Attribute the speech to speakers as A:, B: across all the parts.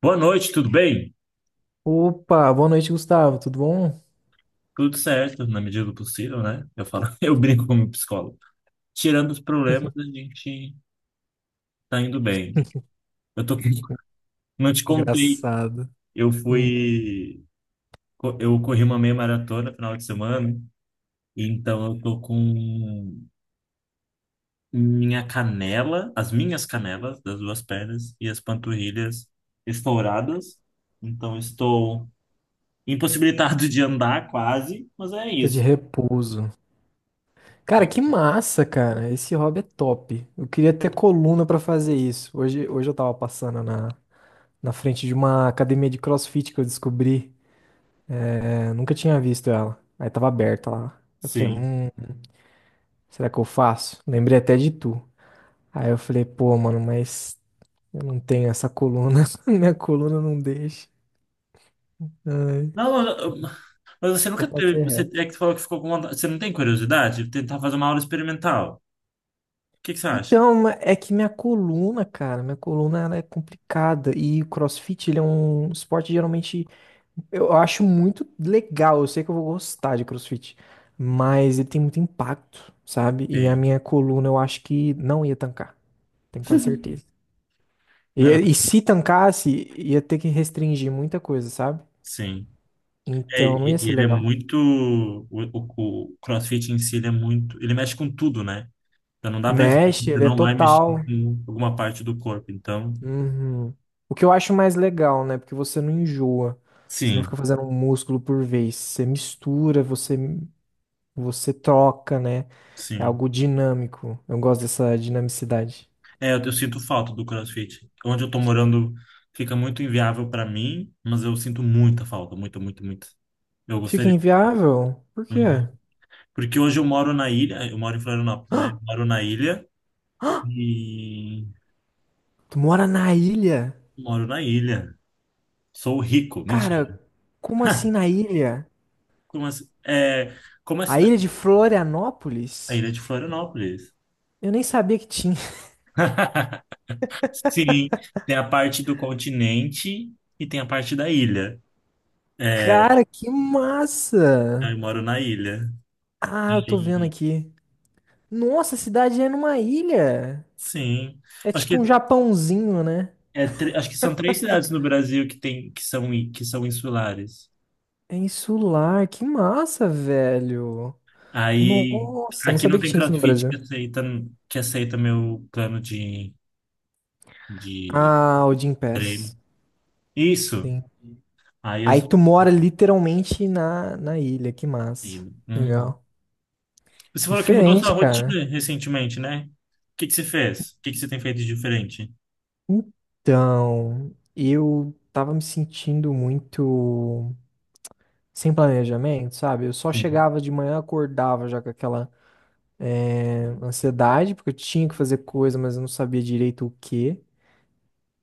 A: Boa noite, tudo bem?
B: Opa, boa noite, Gustavo. Tudo bom?
A: Tudo certo, na medida do possível, né? Eu falo, eu brinco com o meu psicólogo. Tirando os problemas, a gente tá indo bem. Eu tô, não te contei,
B: Engraçado.
A: eu
B: Hum,
A: fui, eu corri uma meia maratona no final de semana, e então eu tô com minha canela, as minhas canelas das duas pernas e as panturrilhas estouradas. Então estou impossibilitado de andar quase, mas é
B: tá de
A: isso,
B: repouso. Cara,
A: né?
B: que massa, cara. Esse hobby é top. Eu queria ter coluna pra fazer isso. Hoje eu tava passando na frente de uma academia de CrossFit que eu descobri. É, nunca tinha visto ela. Aí tava aberta lá. Eu falei,
A: Sim.
B: será que eu faço? Lembrei até de tu. Aí eu falei, pô, mano, mas eu não tenho essa coluna. Minha coluna não deixa. Ai,
A: Não, mas você
B: só
A: nunca teve.
B: passei
A: Você
B: reto.
A: é que falou que ficou com vontade. Você não tem curiosidade de tentar fazer uma aula experimental? O que que você acha?
B: Então, é que minha coluna, cara, minha coluna ela é complicada e o CrossFit ele é um esporte geralmente eu acho muito legal, eu sei que eu vou gostar de CrossFit, mas ele tem muito impacto, sabe? E a
A: Tem.
B: minha coluna eu acho que não ia tancar, tenho quase certeza. E,
A: Não é não?
B: e se tancasse, ia ter que restringir muita coisa, sabe?
A: Sim. É,
B: Então não
A: e-
B: ia
A: e
B: ser
A: ele é
B: legal.
A: muito. O CrossFit em si, ele é muito. Ele mexe com tudo, né? Então não dá pra dizer
B: Mexe,
A: você
B: ele é
A: não vai mexer
B: total.
A: com alguma parte do corpo. Então,
B: Uhum. O que eu acho mais legal, né? Porque você não enjoa. Você não
A: sim,
B: fica fazendo um músculo por vez. Você mistura, você troca, né? É
A: sim.
B: algo dinâmico. Eu gosto dessa dinamicidade.
A: É, eu sinto falta do CrossFit. Onde eu tô morando fica muito inviável pra mim, mas eu sinto muita falta, muito, muito, muito. Eu
B: Fica
A: gostaria.
B: inviável? Por quê?
A: Uhum. Porque hoje eu moro na ilha, eu moro em Florianópolis, né? Moro na ilha e
B: Tu mora na ilha?
A: moro na ilha. Sou rico,
B: Cara,
A: mentira.
B: como assim na ilha?
A: Como assim? É, como é a
B: A
A: cidade?
B: ilha de
A: A
B: Florianópolis?
A: ilha de Florianópolis.
B: Eu nem sabia que tinha.
A: Sim, tem a parte do continente e tem a parte da ilha. É,
B: Cara, que
A: eu
B: massa!
A: moro na ilha.
B: Ah, eu tô vendo
A: E-
B: aqui. Nossa, a cidade é numa ilha.
A: sim.
B: É
A: Acho que,
B: tipo um Japãozinho, né?
A: é, acho que são três cidades no Brasil que, tem, que, são, i- que são insulares.
B: É insular, que massa, velho.
A: Aí,
B: Nossa, não
A: aqui não
B: sabia que
A: tem
B: tinha isso no
A: CrossFit
B: Brasil.
A: que aceita meu plano de
B: Ah, o Gym
A: treino.
B: Pass.
A: Isso.
B: Sim.
A: Aí eu
B: Aí
A: sou.
B: tu mora literalmente na ilha, que massa.
A: Hum.
B: Legal.
A: Você falou que mudou sua
B: Diferente, cara.
A: rotina recentemente, né? O que que você fez? O que que você tem feito de diferente?
B: Então, eu tava me sentindo muito sem planejamento, sabe? Eu só
A: Sim,
B: chegava de manhã, acordava já com aquela ansiedade, porque eu tinha que fazer coisa, mas eu não sabia direito o quê.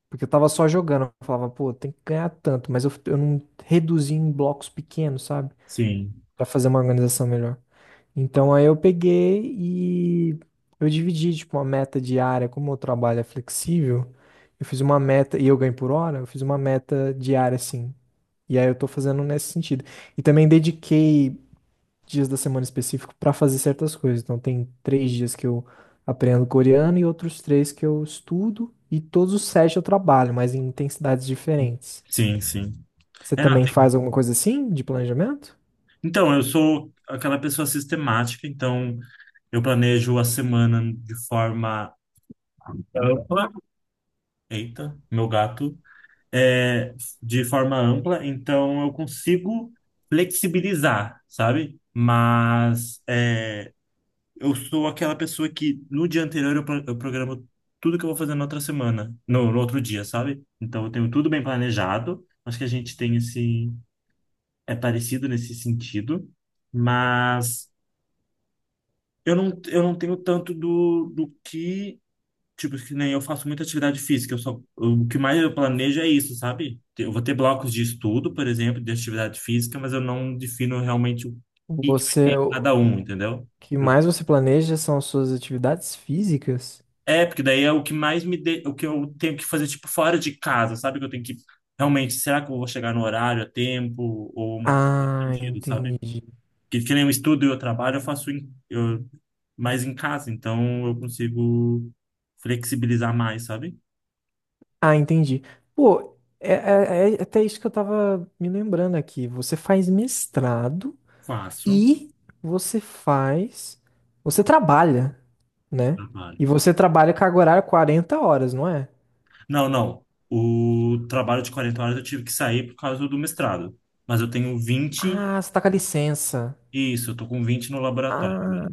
B: Porque eu tava só jogando. Eu falava, pô, tem que ganhar tanto, mas eu não reduzi em blocos pequenos, sabe?
A: sim,
B: Pra fazer uma organização melhor. Então aí eu peguei e eu dividi, tipo, uma meta diária. Como o trabalho é flexível, eu fiz uma meta, e eu ganho por hora, eu fiz uma meta diária, assim. E aí eu tô fazendo nesse sentido. E também dediquei dias da semana específico para fazer certas coisas. Então, tem três dias que eu aprendo coreano e outros três que eu estudo, e todos os sete eu trabalho, mas em intensidades diferentes.
A: sim, sim.
B: Você
A: É, não,
B: também
A: tem-
B: faz alguma coisa assim de planejamento?
A: Então, eu sou aquela pessoa sistemática, então eu planejo a semana de forma ampla. Eita, meu gato. É, de forma ampla, então eu consigo flexibilizar, sabe? Mas é, eu sou aquela pessoa que no dia anterior eu, eu programo tudo que eu vou fazer na outra semana, no outro dia, sabe? Então eu tenho tudo bem planejado. Acho que a gente tem esse. É parecido nesse sentido, mas eu não tenho tanto do que. Tipo, que nem eu faço muita atividade física. Eu só, o que mais eu planejo é isso, sabe? Eu vou ter blocos de estudo, por exemplo, de atividade física, mas eu não defino realmente o que que vai ter
B: Você,
A: em
B: o
A: cada um,
B: o
A: entendeu?
B: que mais você planeja são as suas atividades físicas?
A: É, porque daí é o que mais me de... o que eu tenho que fazer tipo fora de casa, sabe? Que eu tenho que realmente, será que eu vou chegar no horário, a tempo ou uma coisa nesse
B: Ah,
A: sentido, sabe?
B: entendi.
A: Que nem eu estudo e eu trabalho, eu faço em... eu... mais em casa, então eu consigo flexibilizar mais, sabe?
B: Ah, entendi. Pô, é até isso que eu tava me lembrando aqui. Você faz mestrado
A: Faço
B: e você faz, você trabalha, né?
A: trabalho.
B: E você trabalha carga horária 40 horas, não é?
A: Não, não. O trabalho de 40 horas eu tive que sair por causa do mestrado, mas eu tenho 20
B: Ah, você tá com a licença.
A: isso, eu tô com 20 no laboratório.
B: Ah,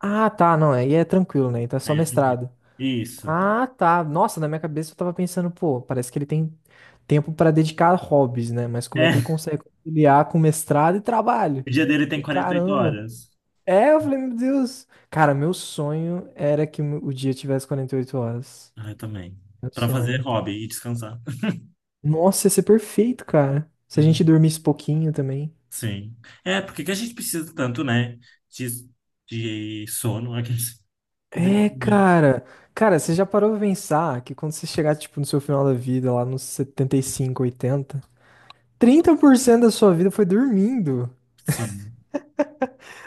B: ah, tá, não, aí é tranquilo, né? Então é só
A: Aí é tranquilo.
B: mestrado.
A: Isso.
B: Ah, tá. Nossa, na minha cabeça eu tava pensando, pô, parece que ele tem tempo pra dedicar a hobbies, né? Mas como é que ele
A: É.
B: consegue conciliar com mestrado e trabalho?
A: O dia dele tem
B: Falei,
A: 48
B: caramba.
A: horas.
B: É, eu falei, meu Deus. Cara, meu sonho era que o dia tivesse 48 horas.
A: Ah, eu também.
B: Meu
A: Pra fazer
B: sonho.
A: hobby e descansar.
B: Nossa, ia ser perfeito, cara. Se a gente
A: Hum,
B: dormisse pouquinho também.
A: sim. É, porque que a gente precisa tanto, né? De, de, sono. Poderia
B: É,
A: ter.
B: cara. Cara, você já parou pra pensar que quando você chegar, tipo, no seu final da vida, lá nos 75, 80, 30% da sua vida foi dormindo.
A: Sim,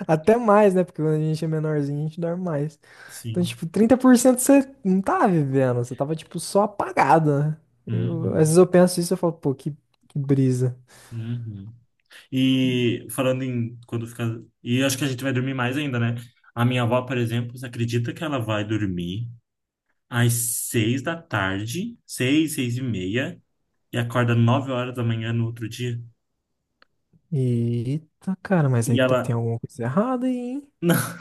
B: Até mais, né? Porque quando a gente é menorzinho, a gente dorme mais. Então,
A: sim.
B: tipo, 30% você não tava vivendo, você tava, tipo, só apagado, né? Eu, às
A: Uhum,
B: vezes eu penso isso e eu falo, pô, que brisa.
A: uhum. E falando em quando fica. E acho que a gente vai dormir mais ainda, né? A minha avó, por exemplo, você acredita que ela vai dormir às 6 da tarde, 6, 6 e meia, e acorda 9 horas da manhã no outro dia?
B: Eita, cara, mas
A: E
B: aí tá, tem
A: ela.
B: alguma coisa errada aí, hein?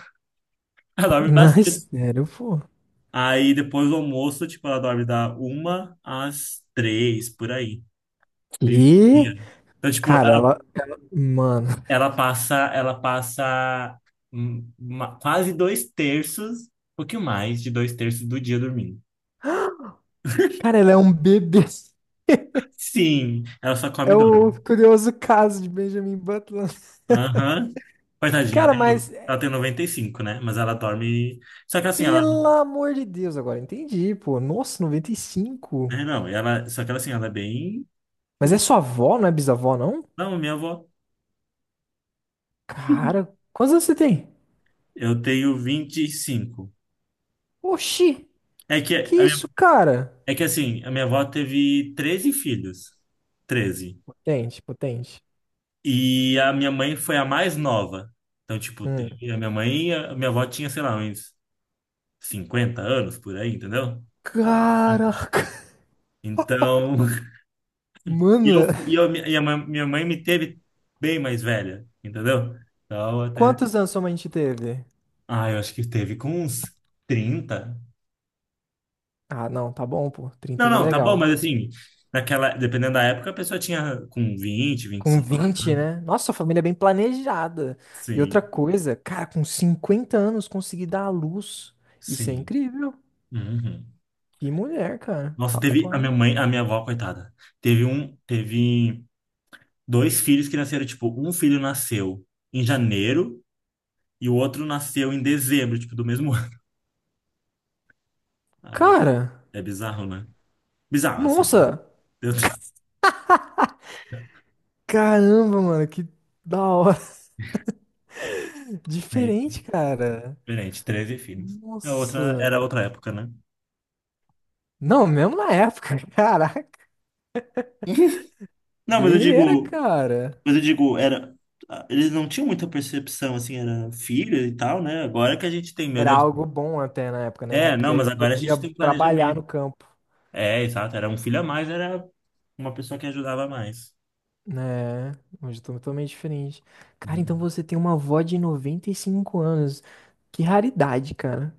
A: Ela dorme
B: Não, é
A: bastante.
B: sério, pô.
A: Aí depois do almoço, tipo, ela dorme da uma às três, por aí.
B: E,
A: Meio-dia. Então, tipo,
B: cara,
A: ela,
B: ela. Mano.
A: ela passa quase dois terços, um pouquinho mais de dois terços do dia dormindo.
B: Cara, ela é um bebê.
A: Sim, ela só come
B: É
A: e dorme.
B: o curioso caso de Benjamin Butler.
A: Aham. Coitadinha, ela
B: Cara,
A: tem,
B: mas
A: ela tem 95 né? Mas ela dorme. Só que assim, ela.
B: pelo amor de Deus, agora entendi, pô. Nossa, 95.
A: É, não, ela. Só que ela assim, ela é bem.
B: Mas é sua avó, não é bisavó, não?
A: Não, minha avó.
B: Cara, quantos anos você tem?
A: Eu tenho 25
B: Oxi,
A: É que
B: que isso, cara?
A: É que assim, a minha avó teve 13 filhos. 13,
B: Potente, potente.
A: e a minha mãe foi a mais nova. Então, tipo,
B: Hum.
A: teve a minha mãe, e a minha avó tinha, sei lá, uns 50 anos por aí, entendeu?
B: Caraca.
A: Então, e
B: Mano,
A: eu, e eu, e a minha mãe me teve bem mais velha, entendeu? Então, até.
B: quantos anos sua mãe te teve?
A: Ah, eu acho que teve com uns 30.
B: Ah, não, tá bom, pô.
A: Não,
B: 30 tá
A: não, tá bom,
B: legal.
A: mas assim, naquela, dependendo da época, a pessoa tinha com 20,
B: Com
A: 25.
B: 20
A: Né?
B: né? Nossa, a família é bem planejada. E
A: Sim,
B: outra coisa, cara, com 50 anos conseguir dar à luz. Isso é
A: sim.
B: incrível.
A: Uhum.
B: Que mulher, cara.
A: Nossa, teve a minha
B: Rapaz.
A: mãe, a minha avó, coitada. Teve dois filhos que nasceram, tipo, um filho nasceu em janeiro e o outro nasceu em dezembro, tipo, do mesmo ano. Ai,
B: Cara,
A: é bizarro, né? Bizarro, assim, né?
B: nossa.
A: Meu Deus.
B: Caramba, mano, que da hora.
A: É
B: Diferente, cara.
A: diferente, 13 filhos. É outra, era
B: Nossa.
A: outra época, né?
B: Não, mesmo na época. Caraca.
A: Não,
B: Guerreira, cara.
A: mas eu digo, era, eles não tinham muita percepção, assim, era filho e tal, né? Agora que a gente tem, meu
B: Era
A: Deus.
B: algo bom até na época, né? né?
A: É,
B: Porque
A: não,
B: aí
A: mas agora a
B: podia
A: gente tem
B: trabalhar
A: planejamento.
B: no campo.
A: É, exato. Era um filho a mais, era uma pessoa que ajudava mais.
B: É, hoje eu tô totalmente diferente. Cara, então
A: Uhum.
B: você tem uma avó de 95 anos. Que raridade, cara.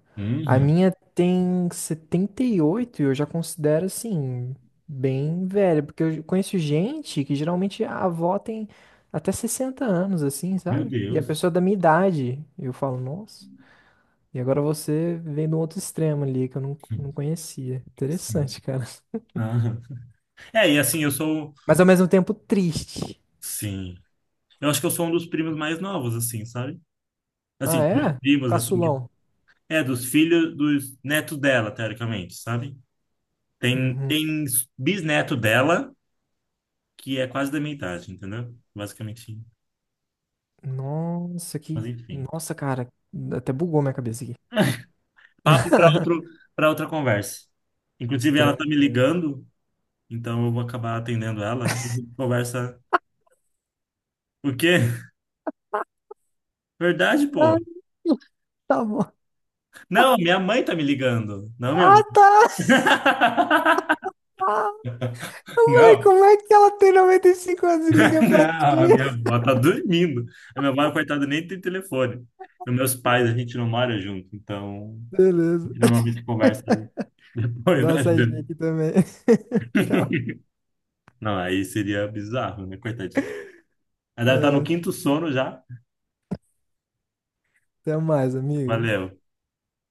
B: A
A: Uhum.
B: minha tem 78 e eu já considero assim, bem velha, porque eu conheço gente que geralmente a avó tem até 60 anos, assim,
A: Meu
B: sabe? E a
A: Deus.
B: pessoa é da minha idade. E eu falo, nossa. E agora você vem do outro extremo ali que eu não conhecia.
A: Sim.
B: Interessante, cara.
A: Aham. É, e assim, eu sou.
B: Mas ao mesmo tempo triste.
A: Sim. Eu acho que eu sou um dos primos mais novos, assim, sabe? Assim,
B: Ah,
A: dos
B: é?
A: primos, assim. Que-
B: Caçulão.
A: É, dos filhos, dos netos dela, teoricamente, sabe? Tem,
B: Uhum.
A: tem bisneto dela, que é quase da minha idade, entendeu? Basicamente.
B: Nossa, que.
A: Mas enfim.
B: Nossa, cara, até bugou minha cabeça aqui.
A: Papo para outro, para outra conversa. Inclusive, ela tá me
B: Tranquilo.
A: ligando, então eu vou acabar atendendo ela. A gente conversa. O quê? Verdade, pô.
B: Ah, tá bom.
A: Não, minha mãe tá me ligando. Não, minha avó.
B: Ah, tá. Ah, mãe,
A: Não,
B: como é que ela tem 95 anos e liga pra
A: não, a
B: ti?
A: minha avó tá dormindo. A minha avó, coitada, nem tem telefone. E meus pais, a gente não mora junto, então a
B: Beleza.
A: gente normalmente conversa
B: Vou
A: depois
B: dar uma
A: da
B: saidinha
A: janta.
B: aqui também. Tchau.
A: Não, aí seria bizarro, né, coitadinho. Ela deve estar no
B: É,
A: quinto sono já.
B: até mais, amigo.
A: Valeu.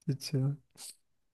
B: Tchau. Tchau.